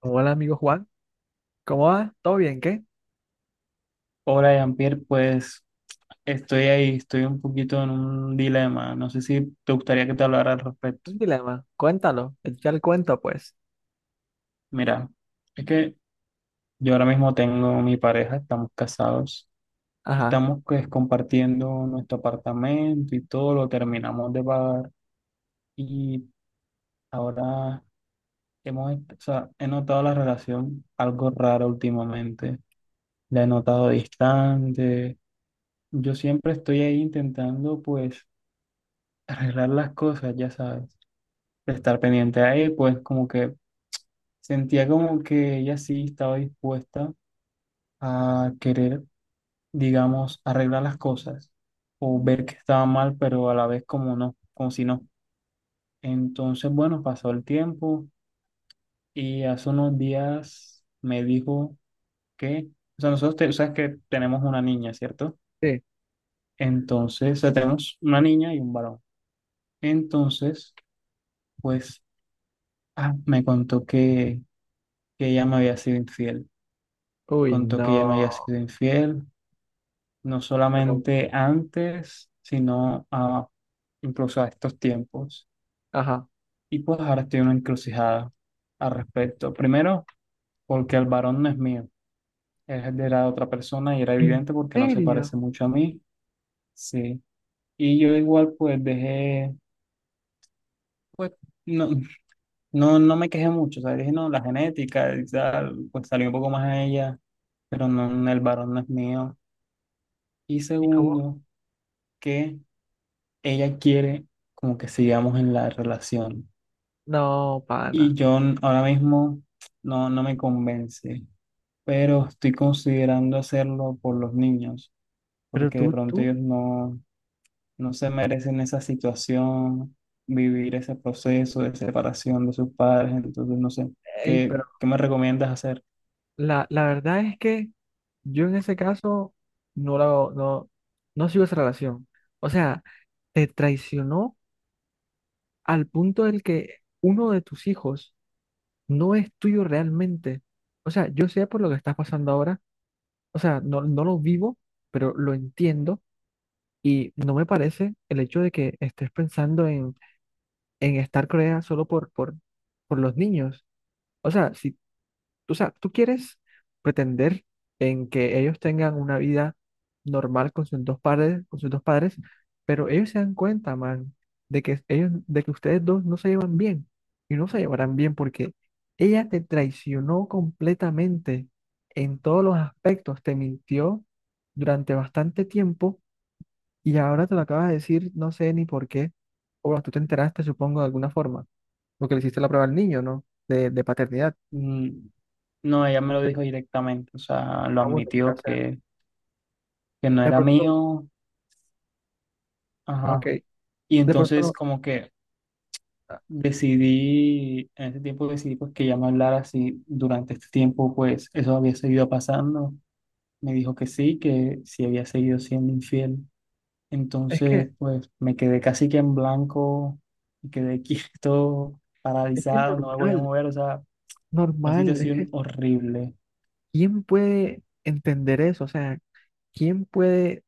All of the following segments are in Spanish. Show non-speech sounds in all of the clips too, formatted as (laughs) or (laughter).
Hola amigo Juan, ¿cómo va? ¿Todo bien? ¿Qué? Hola, Jean-Pierre, pues estoy ahí, estoy un poquito en un dilema. No sé si te gustaría que te hablara al respecto. Un dilema, cuéntalo, echa el cuento pues. Mira, es que yo ahora mismo tengo mi pareja, estamos casados, Ajá, estamos pues compartiendo nuestro apartamento y todo lo terminamos de pagar y ahora hemos, o sea, he notado la relación algo rara últimamente. La he notado distante. Yo siempre estoy ahí intentando pues arreglar las cosas, ya sabes de estar pendiente a él, pues como que sentía como que ella sí estaba dispuesta a querer, digamos, arreglar las cosas o ver que estaba mal, pero a la vez como no, como si no. Entonces, bueno, pasó el tiempo y hace unos días me dijo que, o sea, nosotros, sabes que tenemos una niña, ¿cierto? sí. Entonces, o sea, tenemos una niña y un varón. Entonces, pues, me contó que ella me había sido infiel. Uy, Contó que no, ella me había sido infiel, no pero, solamente antes, sino incluso a estos tiempos. ajá. Y pues ahora estoy en una encrucijada al respecto. Primero, porque el varón no es mío, es de la otra persona y era ¿En evidente porque no se serio? parece mucho a mí. Sí. Y yo igual pues dejé, pues no, no me quejé mucho, o sea, dije no, la genética y tal, pues salió un poco más a ella, pero no, el varón no es mío. Y ¿Y cómo? segundo, que ella quiere como que sigamos en la relación. No, Y pana. yo ahora mismo no, no me convence, pero estoy considerando hacerlo por los niños, Pero porque de tú, pronto tú, ellos no, no se merecen esa situación, vivir ese proceso de separación de sus padres. Entonces, no sé, ey, pero ¿qué me recomiendas hacer? la verdad es que yo en ese caso no la, no, no sigo esa relación. O sea, te traicionó al punto del que uno de tus hijos no es tuyo realmente. O sea, yo sé por lo que estás pasando ahora o sea, no, no lo vivo, pero lo entiendo y no me parece el hecho de que estés pensando en estar Corea solo por los niños. O sea, si o sea, tú quieres pretender en que ellos tengan una vida normal con sus dos padres, con sus dos padres, pero ellos se dan cuenta, man, de que ellos, de que ustedes dos no se llevan bien y no se llevarán bien porque ella te traicionó completamente en todos los aspectos, te mintió durante bastante tiempo y ahora te lo acabas de decir, no sé ni por qué, o bueno, tú te enteraste, supongo, de alguna forma, porque le hiciste la prueba al niño, ¿no? De paternidad. Mm. No, ella me lo dijo directamente, o sea, lo Ah, bueno, mira, o admitió sea, que no de era pronto. mío. Ok, Ajá. Y de pronto entonces no. como que ah, decidí, en ese tiempo decidí pues que ya me hablara si durante este tiempo pues eso había seguido pasando. Me dijo que sí había seguido siendo infiel. Es Entonces que, pues me quedé casi que en blanco, me quedé (laughs) quieto, es que es paralizado, no me voy a normal, mover, o sea, una normal. Es situación que, horrible. ¿quién puede entender eso? O sea, ¿quién puede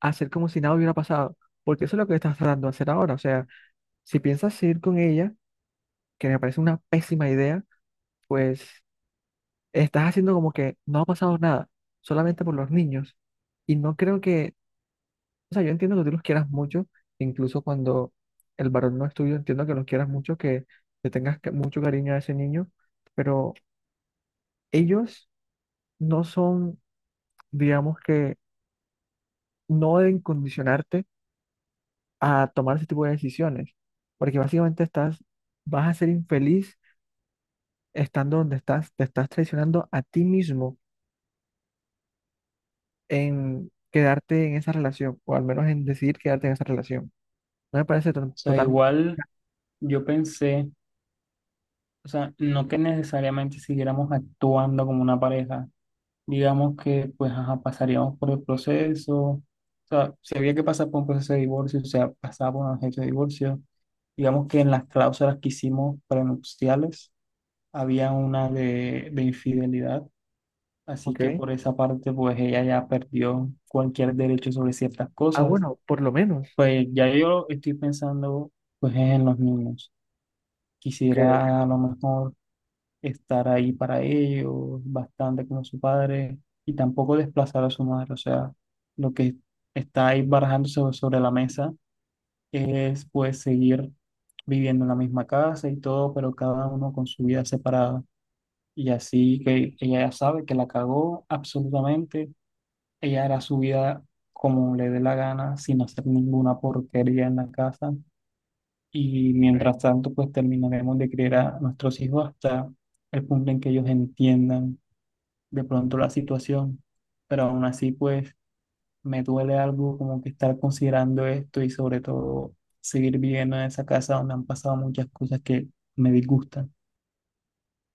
hacer como si nada hubiera pasado? Porque eso es lo que estás tratando de hacer ahora. O sea, si piensas seguir con ella, que me parece una pésima idea, pues estás haciendo como que no ha pasado nada, solamente por los niños. Y no creo que, o sea, yo entiendo que tú los quieras mucho, incluso cuando el varón no es tuyo, entiendo que los quieras mucho, que le tengas mucho cariño a ese niño, pero ellos no son, digamos que, no deben condicionarte a tomar ese tipo de decisiones, porque básicamente estás, vas a ser infeliz estando donde estás, te estás traicionando a ti mismo en quedarte en esa relación, o al menos en decidir quedarte en esa relación. No me parece O sea, totalmente, igual yo pensé, o sea, no que necesariamente siguiéramos actuando como una pareja, digamos que pues ajá, pasaríamos por el proceso, o sea, si había que pasar por un proceso de divorcio, o sea, pasaba por un proceso de divorcio, digamos que en las cláusulas que hicimos prenupciales había una de infidelidad, así ¿ok? que por esa parte pues ella ya perdió cualquier derecho sobre ciertas Ah, cosas, bueno, por lo menos. pues ya yo estoy pensando pues en los niños, Que quisiera a lo mejor estar ahí para ellos, bastante como su padre, y tampoco desplazar a su madre. O sea, lo que está ahí barajándose sobre la mesa es pues seguir viviendo en la misma casa y todo, pero cada uno con su vida separada. Y así que ella ya sabe que la cagó absolutamente, ella hará su vida como le dé la gana, sin hacer ninguna porquería en la casa. Y mientras tanto, pues terminaremos de criar a nuestros hijos hasta el punto en que ellos entiendan de pronto la situación, pero aún así pues me duele algo como que estar considerando esto y sobre todo seguir viviendo en esa casa donde han pasado muchas cosas que me disgustan.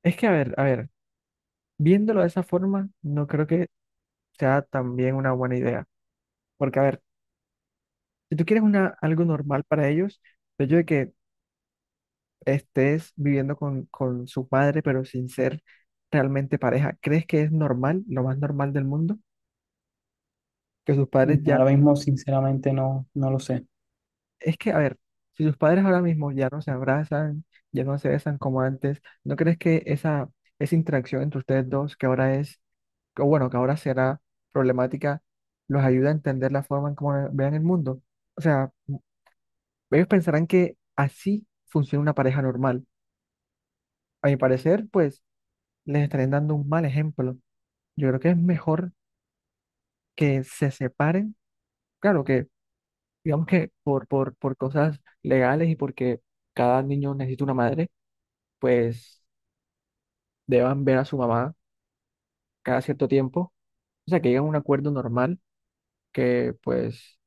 Es que, a ver, viéndolo de esa forma, no creo que sea también una buena idea. Porque, a ver, si tú quieres una, algo normal para ellos, el hecho de que estés viviendo con su padre, pero sin ser realmente pareja, ¿crees que es normal, lo más normal del mundo? Que sus Y padres ya... ahora mismo sinceramente no, no lo sé, Es que, a ver, si sus padres ahora mismo ya no se abrazan, ya no se besan como antes, ¿no crees que esa interacción entre ustedes dos, que ahora es, o bueno, que ahora será problemática, los ayuda a entender la forma en cómo vean el mundo? O sea, ellos pensarán que así funciona una pareja normal. A mi parecer, pues les estarían dando un mal ejemplo. Yo creo que es mejor que se separen, claro que digamos que por cosas legales y porque cada niño necesita una madre, pues deban ver a su mamá cada cierto tiempo, o sea, que lleguen a un acuerdo normal que pues,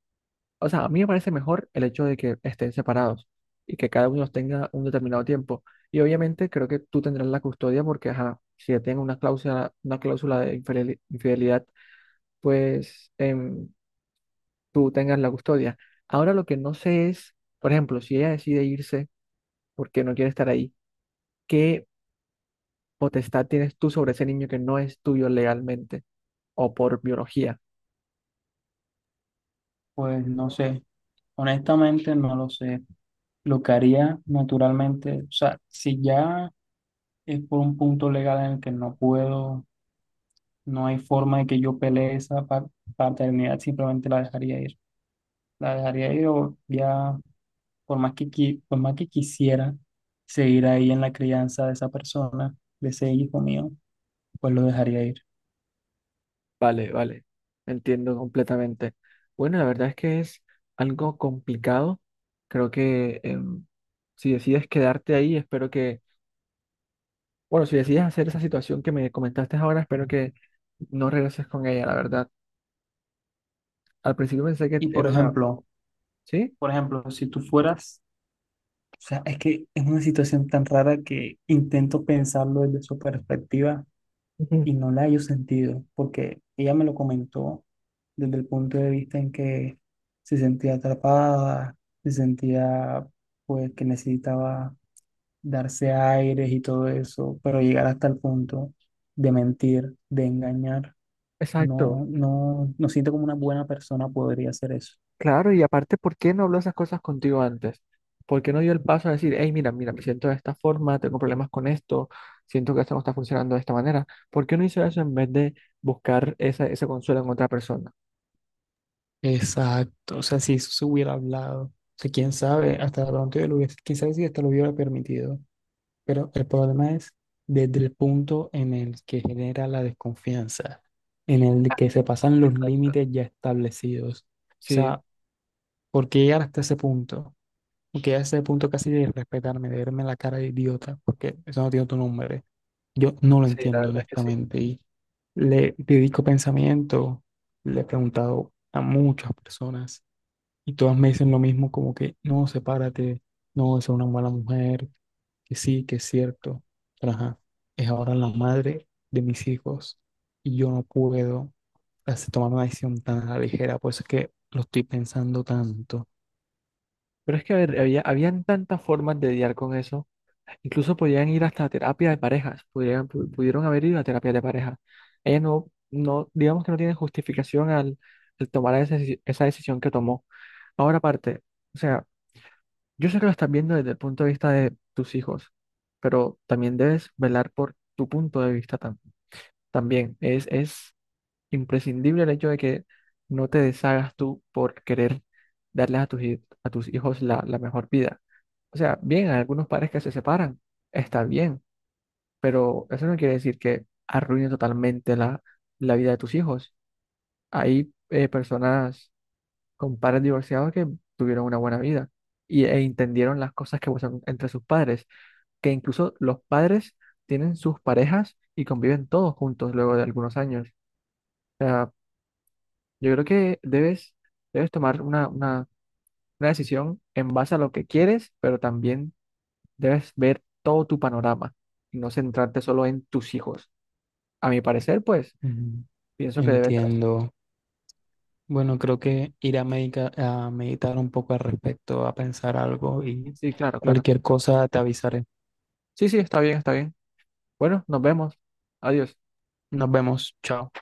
o sea, a mí me parece mejor el hecho de que estén separados y que cada uno los tenga un determinado tiempo. Y obviamente creo que tú tendrás la custodia porque, ajá, si ya tengo una cláusula de infidelidad, pues... tú tengas la custodia. Ahora lo que no sé es, por ejemplo, si ella decide irse porque no quiere estar ahí, ¿qué potestad tienes tú sobre ese niño que no es tuyo legalmente o por biología? pues no sé, honestamente no lo sé. Lo que haría naturalmente, o sea, si ya es por un punto legal en el que no puedo, no hay forma de que yo pelee esa paternidad, simplemente la dejaría ir. La dejaría ir o ya por más por más que quisiera seguir ahí en la crianza de esa persona, de ese hijo mío, pues lo dejaría ir. Vale, vale, entiendo completamente. Bueno, la verdad es que es algo complicado. Creo que si decides quedarte ahí, espero que, bueno, si decides hacer esa situación que me comentaste ahora, espero que no regreses con ella, la verdad. Al principio pensé que Y era una... ¿Sí? por ejemplo, si tú fueras, o sea, es que es una situación tan rara que intento pensarlo desde su perspectiva Ujú. y no la hallo sentido, porque ella me lo comentó desde el punto de vista en que se sentía atrapada, se sentía pues que necesitaba darse aires y todo eso, pero llegar hasta el punto de mentir, de engañar, Exacto. No siento como una buena persona podría hacer eso. Claro, y aparte, ¿por qué no habló esas cosas contigo antes? ¿Por qué no dio el paso a decir, hey, mira, mira, me siento de esta forma, tengo problemas con esto, siento que esto no está funcionando de esta manera? ¿Por qué no hizo eso en vez de buscar esa, ese consuelo en otra persona? Exacto, o sea, si eso se hubiera hablado, o sea, quién sabe, hasta de pronto yo lo hubiese, quién sabe si hasta lo hubiera permitido, pero el problema es desde el punto en el que genera la desconfianza, en el que Ay, se pasan los exacto. límites ya establecidos, o Sí, sea, ¿por qué llegar hasta ese punto? Porque ya ese punto casi de respetarme, de verme la cara de idiota, porque eso no tiene otro nombre. Yo no lo sí, la entiendo, verdad es que sí. honestamente. Y le dedico pensamiento, le he preguntado a muchas personas y todas me dicen lo mismo, como que no, sepárate, no, es una mala mujer, que sí, que es cierto. Pero ajá, es ahora la madre de mis hijos y yo no puedo tomar una decisión tan a la ligera, por eso es que lo estoy pensando tanto. Pero es que a ver, había, habían tantas formas de lidiar con eso. Incluso podían ir hasta terapia de parejas, pudieron haber ido a terapia de pareja. Ella no, no, digamos que no tiene justificación al, al tomar esa, esa decisión que tomó. Ahora aparte, o sea, yo sé que lo estás viendo desde el punto de vista de tus hijos, pero también debes velar por tu punto de vista también. Es imprescindible el hecho de que no te deshagas tú por querer darles a a tus hijos la, la mejor vida. O sea, bien, hay algunos padres que se separan, está bien, pero eso no quiere decir que arruine totalmente la, la vida de tus hijos. Hay personas con padres divorciados que tuvieron una buena vida y, e entendieron las cosas que pasan entre sus padres, que incluso los padres tienen sus parejas y conviven todos juntos luego de algunos años. O sea, yo creo que debes, debes tomar una decisión en base a lo que quieres, pero también debes ver todo tu panorama y no centrarte solo en tus hijos. A mi parecer, pues Ujú. pienso que debe ser así. Entiendo. Bueno, creo que ir a, a meditar un poco al respecto, a pensar algo y Sí, claro, claro. cualquier cosa te avisaré. Sí, sí, está bien, está bien. Bueno, nos vemos. Adiós. Nos vemos, chao.